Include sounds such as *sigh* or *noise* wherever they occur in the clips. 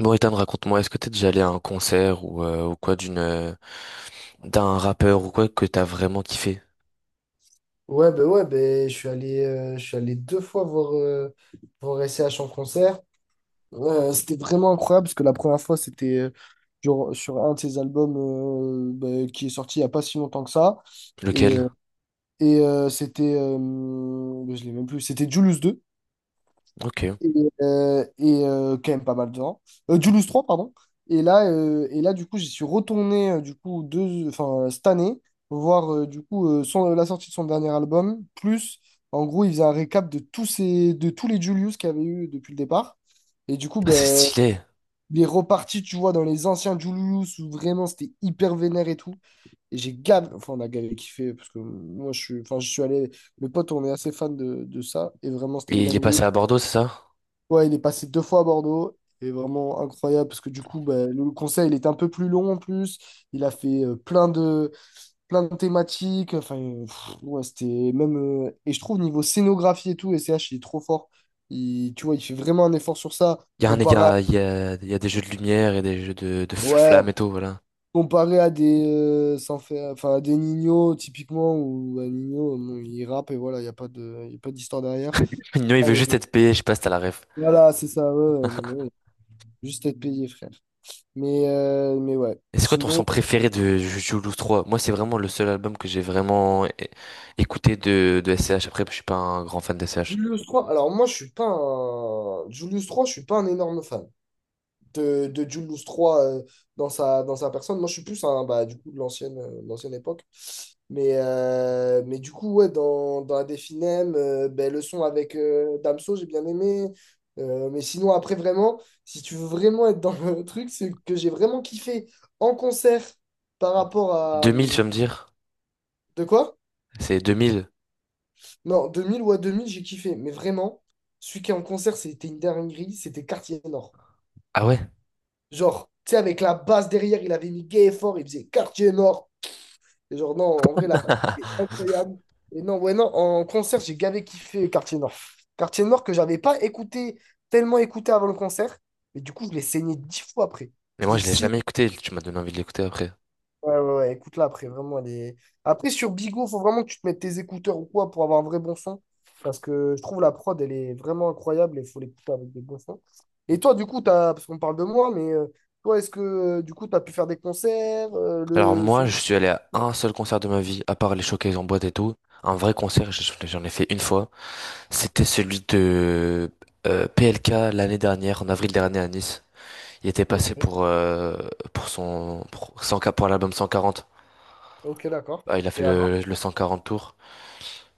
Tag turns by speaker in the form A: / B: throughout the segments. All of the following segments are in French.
A: Bon, Ethan, raconte-moi, est-ce que t'es déjà allé à un concert ou quoi d'un rappeur ou quoi que t'as vraiment kiffé?
B: Ouais, ben, je suis allé 2 fois voir S C H en concert. C'était vraiment incroyable parce que la première fois, c'était sur un de ses albums ben, qui est sorti il n'y a pas si longtemps que ça. Et,
A: Lequel?
B: euh, et c'était, ben, je l'ai même plus, c'était Julius deux
A: Ok.
B: et, et quand même pas mal de gens. Julius 3, pardon. Et là, du coup, j'y suis retourné du coup, cette année, voir du coup, la sortie de son dernier album. Plus, en gros, il faisait un récap de tous les Julius qu'il y avait eu depuis le départ. Et du coup,
A: Ah, c'est
B: ben,
A: stylé.
B: il est reparti, tu vois, dans les anciens Julius où vraiment c'était hyper vénère et tout. Et enfin, on a gavé kiffé parce que moi, enfin, je suis allé, mes potes, on est assez fan de ça. Et vraiment, c'était une
A: Et il est
B: dinguerie.
A: passé à Bordeaux, c'est ça?
B: Ouais, il est passé 2 fois à Bordeaux. Et vraiment incroyable parce que du coup, ben, le conseil il est un peu plus long en plus. Il a fait plein de thématiques. Enfin, ouais, c'était même. Et je trouve, niveau scénographie et tout, S C H il est trop fort. Il, tu vois, il fait vraiment un effort sur ça.
A: Il y a un, il y
B: Comparé à,
A: a, il y a, il y a des jeux de lumière et des jeux de
B: ouais,
A: flammes et tout, voilà.
B: comparé sans faire, enfin, à des Nino, typiquement, ou à Nino, bon, il rappe et voilà, il y a pas d'histoire derrière.
A: *laughs* Non, il
B: Ah,
A: veut
B: euh,
A: juste être payé, je sais pas si t'as la ref.
B: Voilà, c'est ça. Ouais, ouais, non, mais ouais, juste être payé, frère. Mais ouais.
A: Et c'est quoi ton
B: Sinon,
A: son préféré de Jules 3? Moi, c'est vraiment le seul album que j'ai vraiment écouté de SCH. Après, je suis pas un grand fan de SCH.
B: Julius trois alors moi je suis pas un. Julius 3, je suis pas un énorme fan de Julius trois dans sa personne. Moi je suis plus bah, du coup, de l'ancienne époque. Mais du coup, ouais, dans la Definem, ben, le son avec Damso, j'ai bien aimé. Mais sinon, après, vraiment, si tu veux vraiment être dans le truc, c'est que j'ai vraiment kiffé en concert par rapport à.
A: 2000, tu vas me dire?
B: De quoi?
A: C'est 2000.
B: Non, 2000 ou à 2000 j'ai kiffé. Mais vraiment, celui qui est en concert, c'était une dinguerie, c'était Quartier Nord.
A: Ah ouais?
B: Genre, tu sais, avec la basse derrière, il avait mis gay et fort, il faisait Quartier Nord. Et genre, non, en vrai, la c'était
A: *laughs*
B: incroyable. Et non, ouais, non, en concert, j'ai gavé kiffé Quartier Nord. Quartier Nord que j'avais pas écouté, tellement écouté avant le concert. Mais du coup, je l'ai saigné 10 fois après.
A: Mais
B: Je
A: moi,
B: l'ai
A: je l'ai jamais écouté. Tu m'as donné envie de l'écouter après.
B: Ouais, ouais, ouais, écoute-la après, vraiment, elle est. Après, sur Bigo, faut vraiment que tu te mettes tes écouteurs ou quoi pour avoir un vrai bon son. Parce que je trouve la prod, elle est vraiment incroyable et il faut l'écouter avec des bons sons. Et toi, du coup, t'as, parce qu'on parle de moi, mais toi, est-ce que du coup, t'as pu faire des concerts euh,
A: Alors
B: le... ce-
A: moi, je suis allé à un seul concert de ma vie, à part les showcases en boîte et tout. Un vrai concert, j'en ai fait une fois. C'était celui de PLK l'année dernière, en avril dernier à Nice. Il était
B: Ok,
A: passé pour 100 pour l'album 140.
B: ok, d'accord.
A: Ah, il a
B: Et
A: fait
B: alors?
A: le 140 tour.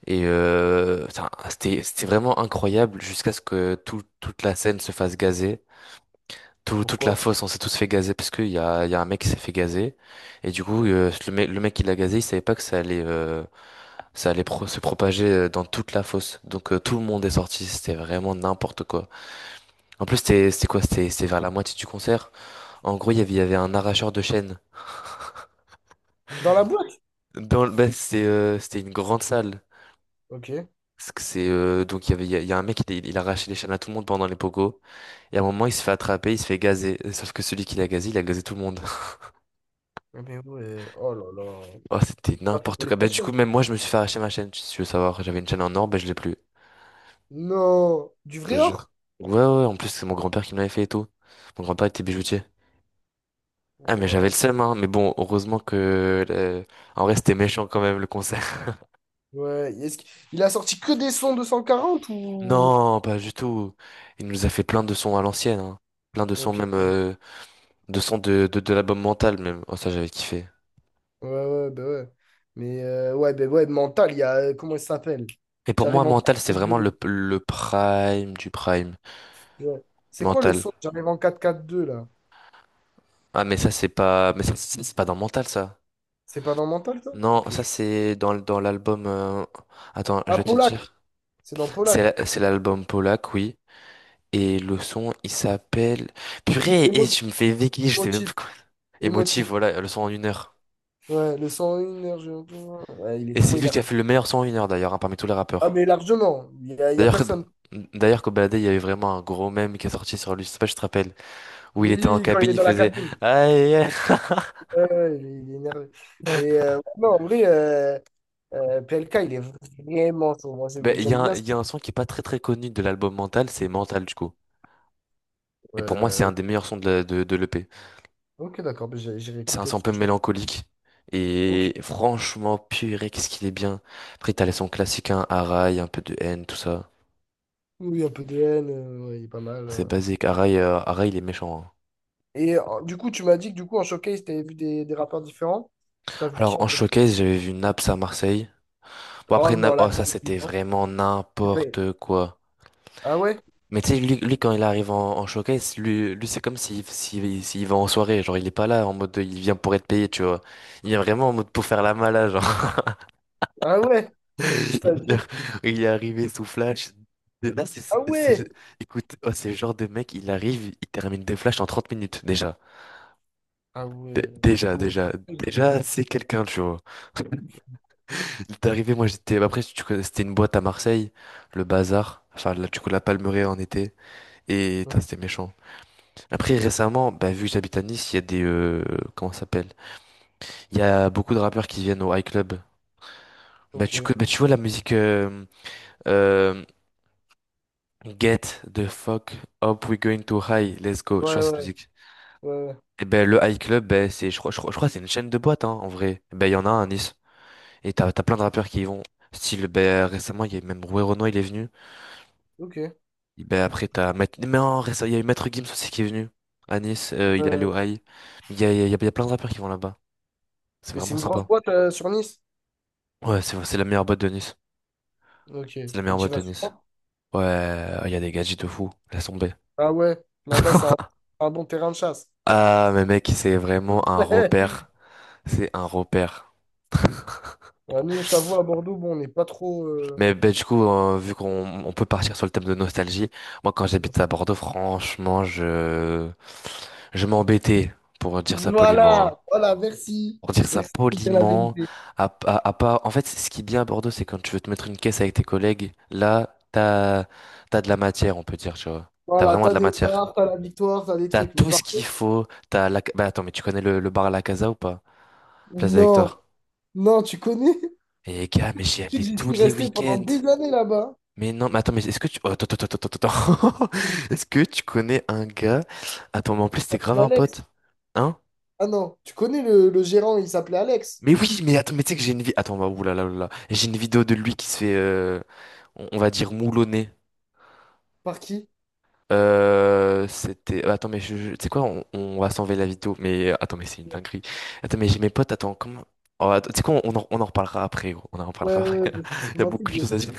A: Et putain, c'était vraiment incroyable jusqu'à ce que toute la scène se fasse gazer. Toute la
B: Pourquoi?
A: fosse, on s'est tous fait gazer parce qu'il y a un mec qui s'est fait gazer. Et du coup, le mec qui l'a gazé, il savait pas que ça allait se propager dans toute la fosse. Donc tout le monde est sorti, c'était vraiment n'importe quoi. En plus, c'était quoi? C'était vers la moitié du concert. En gros, il y avait un arracheur de chaînes.
B: Dans la boîte?
A: Bah, c'était une grande salle.
B: Ok.
A: Parce que C'est donc il y avait il y a un mec, il arrachait les chaînes à tout le monde pendant les pogos. Et à un moment, il se fait attraper, il se fait gazer, sauf que celui qui l'a gazé, il a gazé tout le monde.
B: Ah, mais ouais, oh là là.
A: Oh, c'était
B: T'as fait
A: n'importe
B: voler
A: quoi.
B: ta
A: Bah, du coup,
B: chaîne.
A: même moi, je me suis fait arracher ma chaîne, si tu veux savoir. J'avais une chaîne en or, bah, je l'ai plus.
B: Non, du
A: Je
B: vrai
A: te
B: or?
A: jure. Ouais, ouais, en plus, c'est mon grand-père qui me l'avait fait et tout. Mon grand-père était bijoutier. Ah, mais j'avais
B: Ouah.
A: le seum, hein. Mais bon, heureusement que, en vrai, c'était méchant quand même, le concert. *laughs*
B: Ouais, est-ce qu'il il a sorti que des sons 240 ou.
A: Non, pas du tout. Il nous a fait plein de sons à l'ancienne, hein. Plein de sons,
B: Ok.
A: même,
B: Ouais,
A: de sons de l'album Mental, même. Oh, ça, j'avais kiffé.
B: ouais, bah ouais. Mais ouais, bah ouais, mental, il y a. Comment il s'appelle?
A: Et pour moi,
B: J'arrive en
A: Mental, c'est vraiment le,
B: 4-4-2.
A: le prime du prime.
B: Ouais. C'est quoi le
A: Mental.
B: son? J'arrive en 4-4-2 là.
A: Ah, mais ça, c'est pas, mais ça, c'est pas dans Mental, ça.
B: C'est pas dans mental, ça?
A: Non,
B: Ok.
A: ça c'est dans l'album. Attends, je
B: Ah,
A: vais te
B: Polak!
A: dire.
B: C'est dans
A: C'est
B: Polak.
A: la- c'est l'album Polak, oui. Et le son, il s'appelle. Purée, et
B: Émotif,
A: tu me fais béquille, je sais même
B: émotif,
A: plus quoi. Émotive,
B: émotif.
A: voilà, le son en une heure.
B: Ouais, le 101, ouais, il
A: Et
B: est
A: c'est
B: trop
A: lui qui
B: énervé.
A: a fait le meilleur son en une heure d'ailleurs, hein, parmi tous les
B: Ah,
A: rappeurs.
B: mais largement. Il y a
A: D'ailleurs, que-
B: personne.
A: d'ailleurs, Kobalade, il y avait vraiment un gros mème qui est sorti sur lui, je sais pas si je te rappelle, où il était en
B: Oui, quand il
A: cabine,
B: est
A: il
B: dans la
A: faisait.
B: cabine.
A: Aïe, aïe.
B: Ouais, ouais, il est énervé. Mais non, en vrai, PLK, il est vraiment chaud. Moi,
A: Ben, il y
B: j'aime
A: a, un-
B: bien
A: il y a un son qui est pas très très connu de l'album Mental, c'est Mental du coup. Et pour moi, c'est un des
B: ça.
A: meilleurs sons de l'EP.
B: Ok, d'accord, bah, j'ai
A: C'est un
B: réécouté
A: son un
B: parce
A: peu
B: que je.
A: mélancolique.
B: Ok.
A: Et franchement, purée, qu'est-ce qu'il est bien. Après, t'as les sons classiques, hein, Arai, un peu de haine, tout ça.
B: Oui, oui, un peu DN, ouais, il est pas mal.
A: C'est basique. Arai, il est méchant, hein.
B: Et du coup, tu m'as dit que du coup, en showcase, t'avais vu des rappeurs différents. T'as vu qui
A: Alors,
B: en
A: en
B: fait?
A: showcase, j'avais vu Naps à Marseille. Bon,
B: Oh
A: après, Naps,
B: non, la
A: oh, ça,
B: dingue.
A: c'était
B: Non.
A: vraiment
B: C'est pas-
A: n'importe quoi.
B: Ah ouais?
A: Mais tu sais, lui, quand il arrive en showcase, lui c'est comme s'il va en soirée. Genre, il est pas là en mode, il vient pour être payé, tu vois. Il vient vraiment en
B: Ok.
A: mode pour faire la malade.
B: Ah ouais?
A: *laughs* Il
B: C'est-à-dire?
A: a- il est arrivé sous Flash. Et Là, c'est,
B: Ah
A: c'est-
B: ouais?
A: c'est- écoute, oh, c'est le genre de mec, il arrive, il termine des flashs en 30 minutes déjà.
B: Ah
A: Dé-
B: ouais.
A: Déjà,
B: Comment ça
A: déjà,
B: se fait, j'ai pas vu.
A: déjà, c'est quelqu'un, tu vois. Il est arrivé, moi j'étais. Après, tu connais, c'était une boîte à Marseille, le bazar. Enfin, là, du coup, la Palmeraie en été. Et
B: Ouais,
A: putain, c'était méchant. Après, récemment, bah, vu que j'habite à Nice, il y a des, comment ça s'appelle? Il y a beaucoup de rappeurs qui viennent au High Club. Bah,
B: ok. Ouais,
A: bah, tu vois la musiqueeuh, Get the fuck up, we're going to high, let's go. Je crois que c'est
B: ouais.
A: cette
B: Ouais,
A: musique.
B: ouais.
A: Et ben le High Club, ben c'est, je crois que c'est une chaîne de boîtes, hein, en vrai. Eh ben il y en a un à Nice. Et t'as plein de rappeurs qui y vont. Style, ben récemment, il y a même Roué Renoir, il est venu.
B: Ok.
A: Et ben après, t'as Maître, mais non, récemment, il y a eu Maître Gims aussi qui est venu à Nice. Il est allé
B: Ouais.
A: au high. Il y a, il y a, il y a plein de rappeurs qui vont là-bas. C'est
B: Et c'est
A: vraiment
B: une grosse
A: sympa.
B: boîte sur Nice?
A: Ouais, c'est la meilleure boîte de Nice.
B: Ok.
A: C'est la
B: Et
A: meilleure
B: tu
A: boîte
B: vas
A: de Nice.
B: souvent?
A: Ouais, il y a des gadgets de fou. Laisse tomber.
B: Ah ouais. Là-bas, c'est un bon terrain de chasse.
A: Ah, mais mec, c'est vraiment un
B: *laughs*
A: repère. C'est un repère.
B: Ouais, nous, je t'avoue, à Bordeaux, bon, on n'est pas trop.
A: Mais ben, du coup, vu qu'on peut partir sur le thème de nostalgie, moi quand j'habite à Bordeaux, franchement, je m'embêtais pour dire ça poliment, hein.
B: Voilà, voilà, merci.
A: Pour dire ça
B: Merci de dire la
A: poliment,
B: vérité.
A: à pas. En fait, ce qui est bien à Bordeaux, c'est quand tu veux te mettre une caisse avec tes collègues, là, t'as de la matière, on peut dire, tu vois. T'as
B: Voilà,
A: vraiment de
B: t'as
A: la
B: des
A: matière.
B: parts, t'as la victoire, t'as des
A: T'as
B: trucs. Mais
A: tout
B: par
A: ce qu'il
B: contre,
A: faut. T'as la. Bah attends, mais tu connais le bar à la Casa ou pas? Place de la
B: non,
A: Victoire.
B: non, tu connais? *laughs*
A: Et gars, mais j'y
B: C'est
A: allais
B: que j'y
A: tous
B: suis
A: les
B: resté pendant
A: week-ends.
B: des années là-bas.
A: Mais non, mais attends, mais est-ce que tu... oh, attends. *laughs* Est-ce que tu connais un gars... Attends, mais en plus, c'était grave
B: C'est
A: un
B: Alex.
A: pote. Hein?
B: Ah non, tu connais le gérant, il s'appelait Alex.
A: Mais oui, mais attends, mais tu sais que j'ai une vie... Attends, bah, oulala, oulala. J'ai une vidéo de lui qui se fait, on va dire moulonner.
B: Par qui?
A: C'était... Attends, mais je... Tu sais quoi? On va s'enlever la vidéo. Mais attends, mais c'est une dinguerie. Attends, mais j'ai mes potes, attends, comment... Oh, attends, tu sais quoi? On en reparlera après, gros. On en
B: Ouais,
A: reparlera
B: ouais,
A: après.
B: ouais,
A: *laughs*
B: parce que c'est
A: Il y a
B: mon
A: beaucoup de
B: intrigue.
A: choses
B: *laughs*
A: à dire.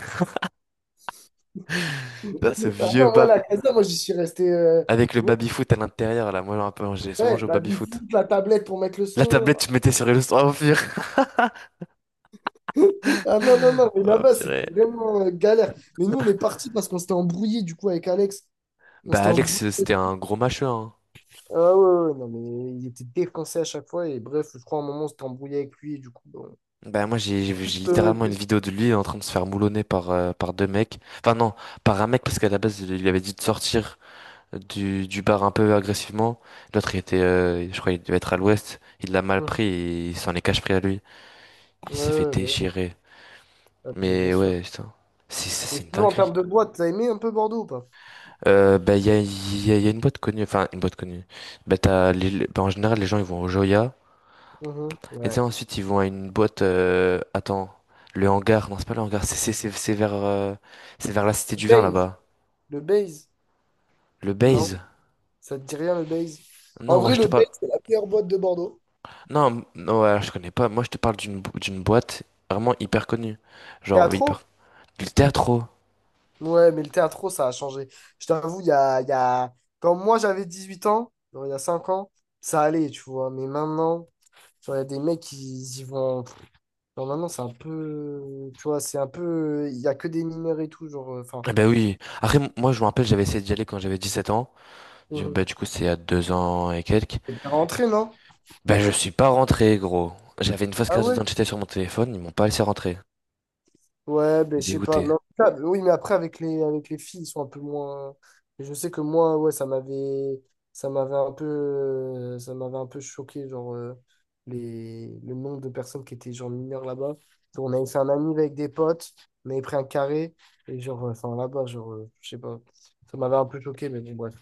A: *laughs* Là, ce
B: Ah
A: vieux
B: non, ouais, la
A: bar
B: casa, moi j'y suis resté.
A: avec le
B: Ouais,
A: baby-foot à l'intérieur, là. Moi, un peu, j'ai souvent
B: ouais,
A: joué au
B: bah, du
A: baby-foot.
B: foot, la tablette pour mettre le
A: La
B: son.
A: tablette, tu mettais sur Illustrator au pire. *laughs*
B: Ah non, non, non, mais
A: Oh,
B: là-bas,
A: purée.
B: c'était vraiment galère. Mais nous, on est parti parce qu'on s'était embrouillé du coup avec Alex. On
A: Bah,
B: s'était embrouillé.
A: Alex, c'était un gros mâcheux, hein.
B: Ah ouais, ouais, ouais, non, mais il était défoncé à chaque fois. Et bref, je crois à un moment, on s'était embrouillé avec lui. Et du coup, bon.
A: Bah, moi, j'ai
B: En
A: j'ai- j'ai
B: plus,
A: littéralement une vidéo de lui en train de se faire moulonner par 2 mecs. Enfin, non, par un mec, parce qu'à la base, il lui avait dit de sortir du bar un peu agressivement. L'autre, il était, je crois, il devait être à l'ouest. Il l'a mal
B: Mhm.
A: pris et il s'en est cache pris à lui. Il s'est fait
B: Ouais, ouais, ouais.
A: déchirer.
B: Ah, bah, bien
A: Mais
B: sûr.
A: ouais, putain. C'est c'est-
B: Et
A: c'est une
B: sinon, en
A: dinguerie.
B: termes de boîte, t'as aimé un peu Bordeaux ou pas?
A: Bah, il y a, il y a- il y a une boîte connue, enfin, une boîte connue. Bah, bah, en général, les gens, ils vont au Joya.
B: Mhm.
A: Et tu sais,
B: Ouais.
A: ensuite, ils vont à une boîte. Attends, le hangar. Non, c'est pas le hangar. C'est vers la Cité
B: Le
A: du Vin
B: Baze.
A: là-bas.
B: Le Baze.
A: Le
B: Non?
A: Baze.
B: Ça te dit rien, le Baze? En
A: Non, moi
B: vrai,
A: je te
B: le Baze,
A: parle.
B: c'est la meilleure boîte de Bordeaux.
A: Non, non, ouais, je connais pas. Moi je te parle d'une boîte vraiment hyper connue. Genre hyper.
B: Théâtro?
A: Le Teatro.
B: Ouais, mais le théâtro, ça a changé. Je t'avoue, il y a. Quand moi, j'avais 18 ans, genre, il y a 5 ans, ça allait, tu vois. Mais maintenant, genre, il y a des mecs, qui y vont. Genre maintenant, c'est un peu. Tu vois, c'est un peu. Il n'y a que des mineurs et tout, genre. Enfin.
A: Eh ben oui. Après, moi je me rappelle, j'avais essayé d'y aller quand j'avais 17 ans. Bah,
B: Mhm.
A: du coup, c'est il y a 2 ans et quelques.
B: Et t'es rentré, non?
A: Ben je suis pas rentré, gros. J'avais une fausse
B: Ah
A: carte
B: ouais?
A: d'identité sur mon téléphone. Ils m'ont pas laissé rentrer.
B: Ouais, ben je
A: J'étais
B: sais pas.
A: dégoûté.
B: Mais en tout cas, oui, mais après, avec les filles, ils sont un peu moins. Et je sais que moi, ouais, ça m'avait. Ça m'avait un peu. Ça m'avait un peu choqué, genre. Le nombre de personnes qui étaient, genre, mineures là-bas. Donc, on avait fait un ami avec des potes. On avait pris un carré. Et, genre, enfin, là-bas, genre. Je sais pas. Ça m'avait un peu choqué, mais bon, bref.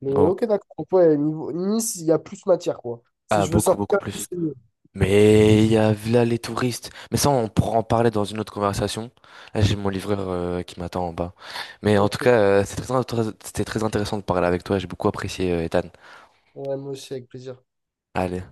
B: Mais
A: Oh.
B: ok, d'accord. Donc, ouais, niveau Nice, il y a plus matière, quoi. Si
A: Ah,
B: je veux
A: beaucoup, beaucoup
B: sortir,
A: plus.
B: c'est mieux.
A: Mais il y a là les touristes. Mais ça, on pourra en parler dans une autre conversation. Là, j'ai mon livreur qui m'attend en bas. Mais en tout cas,
B: Ok.
A: c'était très intéressant de parler avec toi. J'ai beaucoup apprécié, Ethan.
B: Ouais, moi aussi, avec plaisir.
A: Allez.